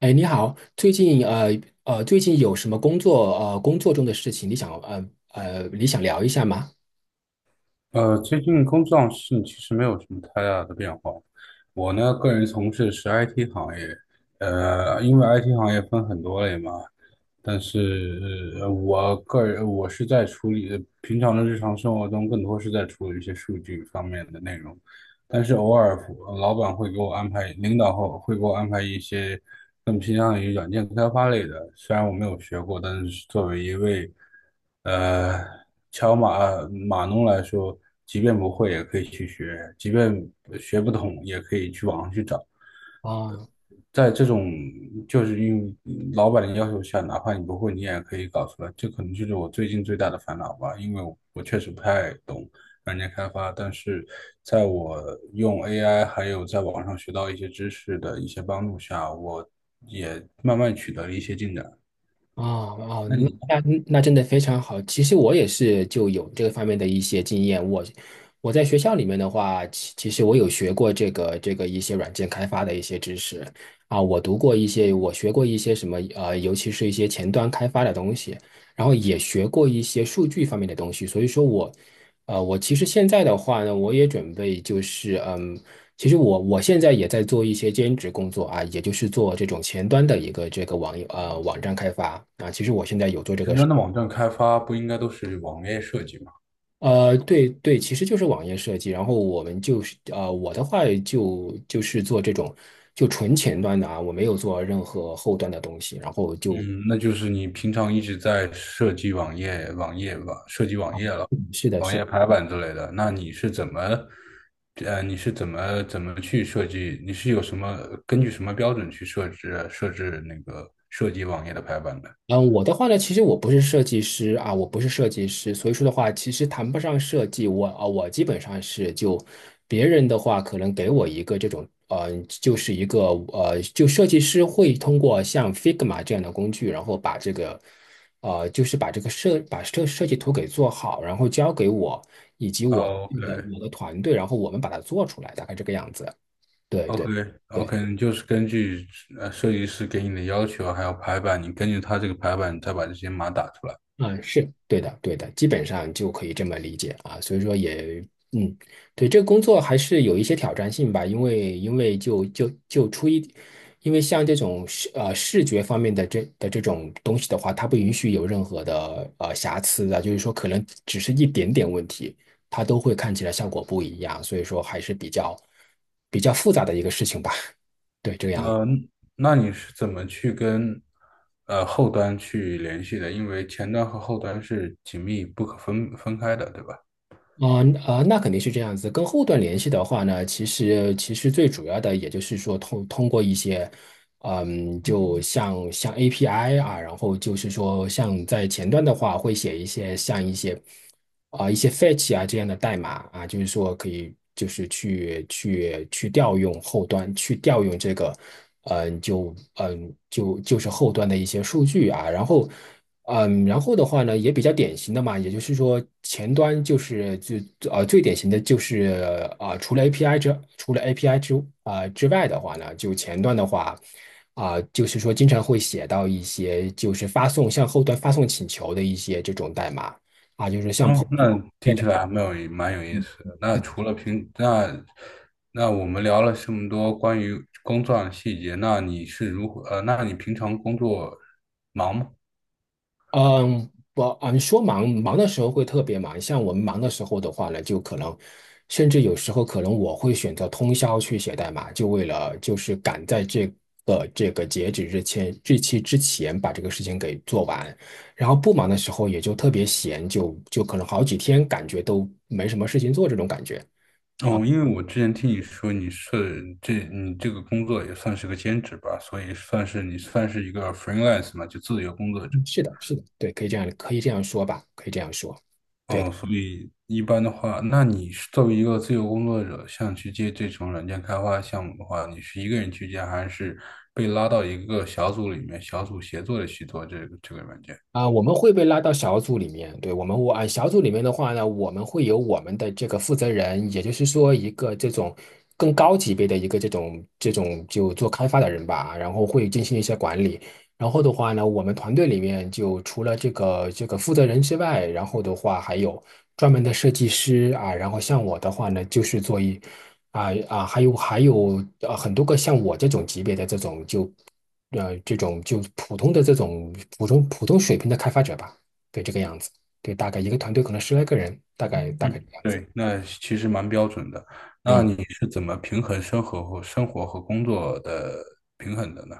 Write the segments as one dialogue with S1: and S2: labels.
S1: 哎，你好，最近最近有什么工作中的事情，你想你想聊一下吗？
S2: 最近工作上是其实没有什么太大的变化。我呢，个人从事的是 IT 行业，因为 IT 行业分很多类嘛，但是我个人是在处理平常的日常生活中，更多是在处理一些数据方面的内容。但是偶尔老板会给我安排，领导后会给我安排一些更偏向于软件开发类的。虽然我没有学过，但是作为一位呃敲码码农来说，即便不会也可以去学，即便学不懂也可以去网上去找。
S1: 啊，
S2: 在这种就是因为老板的要求下，哪怕你不会，你也可以搞出来。这可能就是我最近最大的烦恼吧，因为我确实不太懂软件开发，但是在我用 AI 还有在网上学到一些知识的一些帮助下，我也慢慢取得了一些进展。
S1: 哦哦，
S2: 那你
S1: 那真的非常好。其实我也是就有这个方面的一些经验。我在学校里面的话，其实我有学过这个一些软件开发的一些知识啊，我读过一些，我学过一些什么，尤其是一些前端开发的东西，然后也学过一些数据方面的东西。所以说我其实现在的话呢，我也准备就是。其实我现在也在做一些兼职工作啊，也就是做这种前端的一个这个网站开发啊。其实我现在有做这
S2: 前
S1: 个事
S2: 端的网站开发不应该都是网页设计吗？
S1: 。对对，其实就是网页设计。然后我们就是我的话就是做这种就纯前端的啊，我没有做任何后端的东西。然后就
S2: 嗯，那就是你平常一直在设计网页、网页吧，设计网页了。
S1: 是是。的
S2: 网页排版之类的，那你是怎么，你是怎么去设计？你是有什么根据什么标准去设置设置那个设计网页的排版的？
S1: 嗯，我的话呢，其实我不是设计师啊，我不是设计师，所以说的话，其实谈不上设计。我基本上是就别人的话，可能给我一个这种，就是一个就设计师会通过像 Figma 这样的工具，然后把这个，就是把这个设把设设计图给做好，然后交给我以及我
S2: 哦
S1: 那个我的团队，然后我们把它做出来，大概这个样子。对对对。
S2: ，OK，OK，OK，你就是根据设计师给你的要求，还有排版，你根据他这个排版，你再把这些码打出来。
S1: 啊，是对的，对的，基本上就可以这么理解啊。所以说也，嗯，对，这个工作还是有一些挑战性吧，因为因为就就就出一，因为像这种视觉方面的这种东西的话，它不允许有任何的瑕疵的，就是说可能只是一点点问题，它都会看起来效果不一样，所以说还是比较复杂的一个事情吧。对，这个样子。
S2: 嗯，那你是怎么去跟后端去联系的？因为前端和后端是紧密不可分开的，对吧？
S1: 啊啊，那肯定是这样子。跟后端联系的话呢，其实最主要的也就是说通过一些，就像 API 啊，然后就是说像在前端的话，会写一些像一些啊、一些 fetch 啊这样的代码啊，就是说可以就是去调用后端，去调用这个，嗯、就嗯、就就是后端的一些数据啊，然后。嗯，然后的话呢，也比较典型的嘛，也就是说，前端就是最典型的就是啊、除了 API 之除了 API 之外的话呢，就前端的话就是说经常会写到一些就是发送向后端发送请求的一些这种代码啊，就是像 POST。
S2: 嗯，那听起来还蛮有蛮有意思的。那除了平，那那我们聊了这么多关于工作上的细节，那你是如何？那你平常工作忙吗？
S1: 嗯，你说忙忙的时候会特别忙，像我们忙的时候的话呢，就可能，甚至有时候可能我会选择通宵去写代码，就为了就是赶在这个截止日期之前把这个事情给做完。然后不忙的时候也就特别闲，就可能好几天感觉都没什么事情做这种感觉啊。
S2: 哦，因为我之前听你说你这个工作也算是个兼职吧，所以算是你算是一个 freelance 嘛，就自由工作者。
S1: 嗯，是的，是的，对，可以这样说吧，可以这样说。对。
S2: 哦，所以一般的话，那你是作为一个自由工作者，像去接这种软件开发项目的话，你是一个人去接，还是被拉到一个小组里面，小组协作的去做这个软件？
S1: 啊，我们会被拉到小组里面，对，我们我啊，小组里面的话呢，我们会有我们的这个负责人，也就是说一个这种更高级别的一个这种就做开发的人吧，然后会进行一些管理。然后的话呢，我们团队里面就除了这个负责人之外，然后的话还有专门的设计师啊，然后像我的话呢，就是做一啊啊，还有很多个像我这种级别的这种就普通的这种普通水平的开发者吧，对这个样子，对，大概一个团队可能十来个人，大概这
S2: 嗯。
S1: 个样子。
S2: 对，那其实蛮标准的。那
S1: 嗯。
S2: 你是怎么平衡生活和工作的平衡的呢？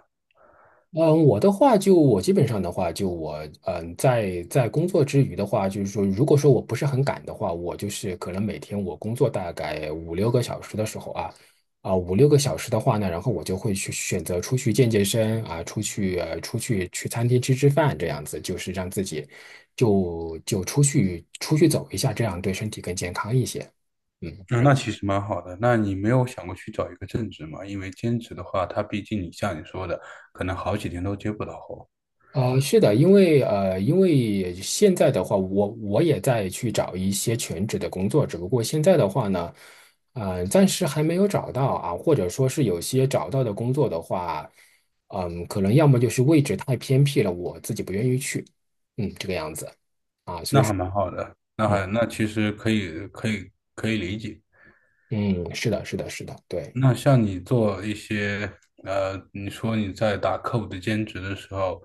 S1: 嗯，我的话就我基本上的话，就我嗯，在工作之余的话，就是说，如果说我不是很赶的话，我就是可能每天我工作大概五六个小时的时候啊，啊五六个小时的话呢，然后我就会去选择出去健身啊，出去去餐厅吃吃饭这样子，就是让自己就出去走一下，这样对身体更健康一些。嗯，
S2: 啊，那其实蛮好的。那你没有想过去找一个正职吗？因为兼职的话，它毕竟你像你说的，可能好几天都接不到活。
S1: 是的，因为因为现在的话，我也在去找一些全职的工作，只不过现在的话呢，暂时还没有找到啊，或者说是有些找到的工作的话，可能要么就是位置太偏僻了，我自己不愿意去，这个样子，
S2: 那还蛮好的，那
S1: 嗯
S2: 还那其实可以理解。
S1: 嗯，是的，是的，是的，对。
S2: 那像你做一些你说你在打客户的兼职的时候，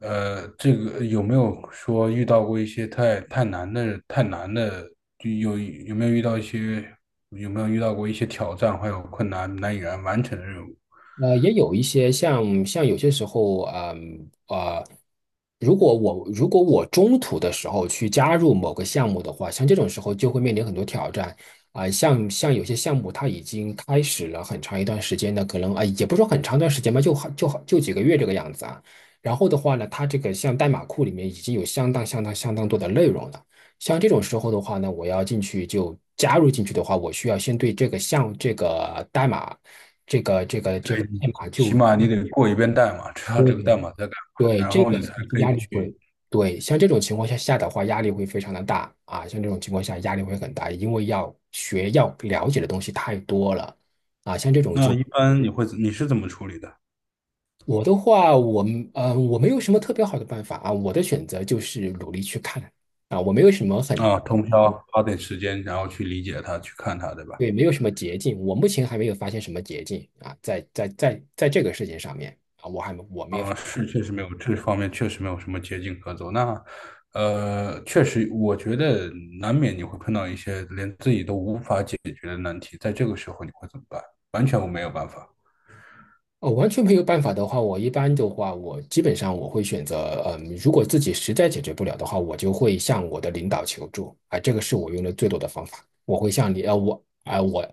S2: 呃，这个有没有说遇到过一些太难的，就有没有遇到一些有没有遇到过一些挑战还有困难难以完成的任务？
S1: 也有一些像有些时候，如果我中途的时候去加入某个项目的话，像这种时候就会面临很多挑战啊、像有些项目它已经开始了很长一段时间的，可能也不是说很长一段时间吧，就几个月这个样子啊。然后的话呢，它这个像代码库里面已经有相当多的内容了。像这种时候的话呢，我要进去就加入进去的话，我需要先对这个项这个代码，这个这个
S2: 对，
S1: 这个代码
S2: 起
S1: 就
S2: 码你得过一遍代码，知道这个
S1: 对
S2: 代码在干嘛，
S1: 对
S2: 然
S1: 这
S2: 后
S1: 个
S2: 你才可
S1: 压
S2: 以
S1: 力会
S2: 去。
S1: 对，像这种情况下的话，压力会非常的大啊，像这种情况下压力会很大，因为要了解的东西太多了啊，像这种
S2: 那
S1: 就
S2: 一般你是怎么处理的？
S1: 我的话，我没有什么特别好的办法啊，我的选择就是努力去看啊，我没有什么很
S2: 啊，通宵花点时间，然后去理解它，去看它，对吧？
S1: 对，没有什么捷径，我目前还没有发现什么捷径啊，在这个事情上面啊，我还没我没有
S2: 啊，是确实没有这方面确实没有什么捷径可走。那确实，我觉得难免你会碰到一些连自己都无法解决的难题，在这个时候你会怎么办？完全我没有办法，
S1: 哦，完全没有办法的话，我一般的话，我基本上我会选择，如果自己实在解决不了的话，我就会向我的领导求助啊，这个是我用的最多的方法。我会向你，呃，我啊、我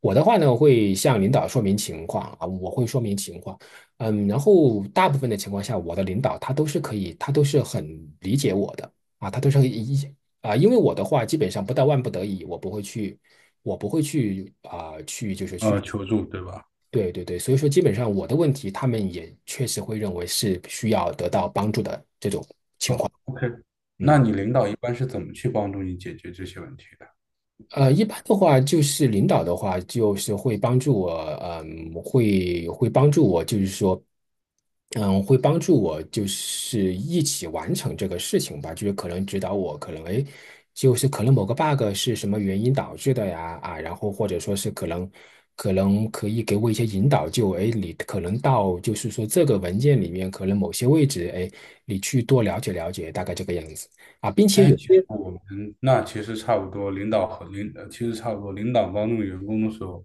S1: 我的话呢，会向领导说明情况啊，我会说明情况，嗯，然后大部分的情况下，我的领导他都是可以，他都是很理解我的啊，他都是一啊，因为我的话基本上不到万不得已，我不会去，我不会去啊、去就是去
S2: 求助，对吧？
S1: 对对对，所以说基本上我的问题，他们也确实会认为是需要得到帮助的这种，
S2: 哦，OK。那
S1: 嗯。
S2: 你领导一般是怎么去帮助你解决这些问题的？
S1: 一般的话，就是领导的话，就是会帮助我，会帮助我，就是说，会帮助我，就是一起完成这个事情吧，就是可能指导我，可能哎，诶就是可能某个 bug 是什么原因导致的呀，啊，然后或者说是可能可以给我一些引导，就哎，诶你可能到就是说这个文件里面可能某些位置，哎，你去多了解了解，大概这个样子啊，并且
S2: 哎，
S1: 有
S2: 其实
S1: 些，
S2: 我们那其实差不多，领导和领呃其实差不多，领导帮助员工的时候，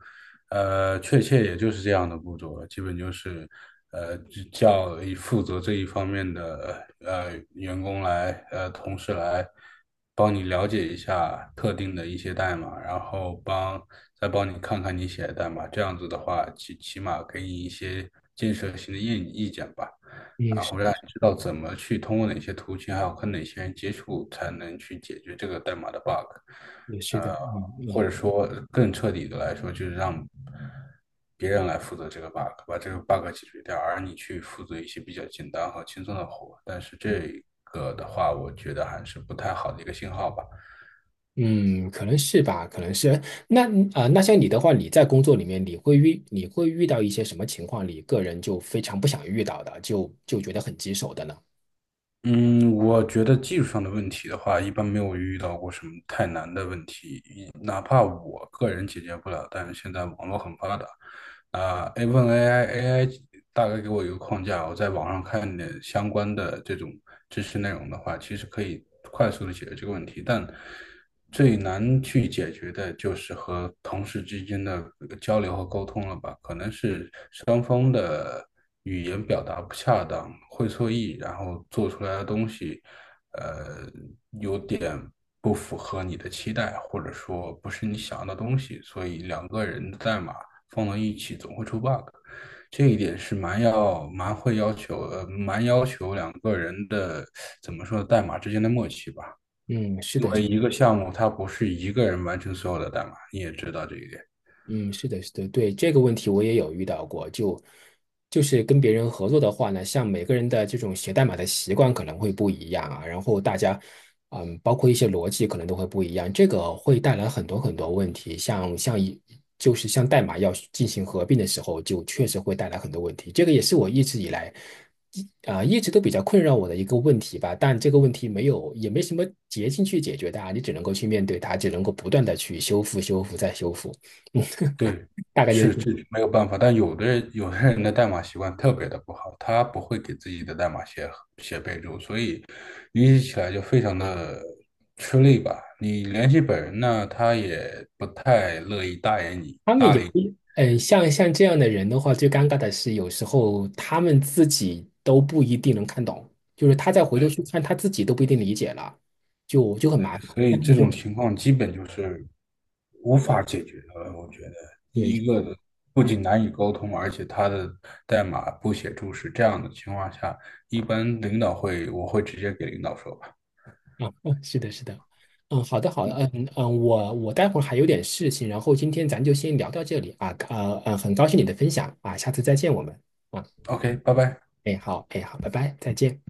S2: 确切也就是这样的步骤了，基本就是，只叫以负责这一方面的员工来呃同事来帮你了解一下特定的一些代码，然后帮再帮你看看你写的代码，这样子的话，起码给你一些建设性的意见吧。
S1: 嗯，
S2: 然
S1: 是
S2: 后让你知道怎么去通过哪些途径，还有跟哪些人接触，才能去解决这个代码的 bug。
S1: 也是的，
S2: 呃，
S1: 嗯
S2: 或
S1: 啊。
S2: 者说更彻底的来说，就是让别人来负责这个 bug，把这个 bug 解决掉，而你去负责一些比较简单和轻松的活。但是这个的话，我觉得还是不太好的一个信号吧。
S1: 嗯，可能是吧，可能是。那像你的话，你在工作里面，你会遇到一些什么情况，你个人就非常不想遇到的，就觉得很棘手的呢？
S2: 嗯，我觉得技术上的问题的话，一般没有遇到过什么太难的问题，哪怕我个人解决不了，但是现在网络很发达，a 问 AI，AI 大概给我一个框架，我在网上看点相关的这种知识内容的话，其实可以快速的解决这个问题，但最难去解决的就是和同事之间的交流和沟通了吧，可能是双方的。语言表达不恰当，会错意，然后做出来的东西，呃，有点不符合你的期待，或者说不是你想要的东西，所以两个人的代码放到一起总会出 bug，这一点是蛮要求两个人的怎么说代码之间的默契吧，
S1: 嗯，是
S2: 因
S1: 的，
S2: 为一个项目它不是一个人完成所有的代码，你也知道这一点。
S1: 嗯，是的，是的，对，这个问题我也有遇到过，就是跟别人合作的话呢，像每个人的这种写代码的习惯可能会不一样啊，然后大家，包括一些逻辑可能都会不一样，这个会带来很多很多问题，像像一就是像代码要进行合并的时候，就确实会带来很多问题，这个也是我一直以来一直都比较困扰我的一个问题吧，但这个问题没有也没什么捷径去解决它，你只能够去面对它，只能够不断的去修复、修复再修复。
S2: 对，
S1: 大概就是
S2: 是
S1: 这样
S2: 这没有办法，但有的人的代码习惯特别的不好，他不会给自己的代码写备注，所以联系起来就非常的吃力吧。你联系本人呢，他也不太乐意搭理你，
S1: 他们有一，嗯，像这样的人的话，最尴尬的是有时候他们自己都不一定能看懂，就是他再回头去看，他自己都不一定理解了，就很麻烦，
S2: 所
S1: 这
S2: 以这
S1: 样就
S2: 种
S1: 很
S2: 情况基本就是无法解决的了我觉得第
S1: 对，
S2: 一个不
S1: 嗯
S2: 仅难以沟通，而且他的代码不写注释，这样的情况下，一般领导会我会直接给领导说吧
S1: 啊，是的，是的，嗯，好的，好的，嗯嗯，我待会儿还有点事情，然后今天咱就先聊到这里啊，很高兴你的分享啊，下次再见我们啊，
S2: ，OK，拜拜。
S1: 哎好，哎好，拜拜，再见。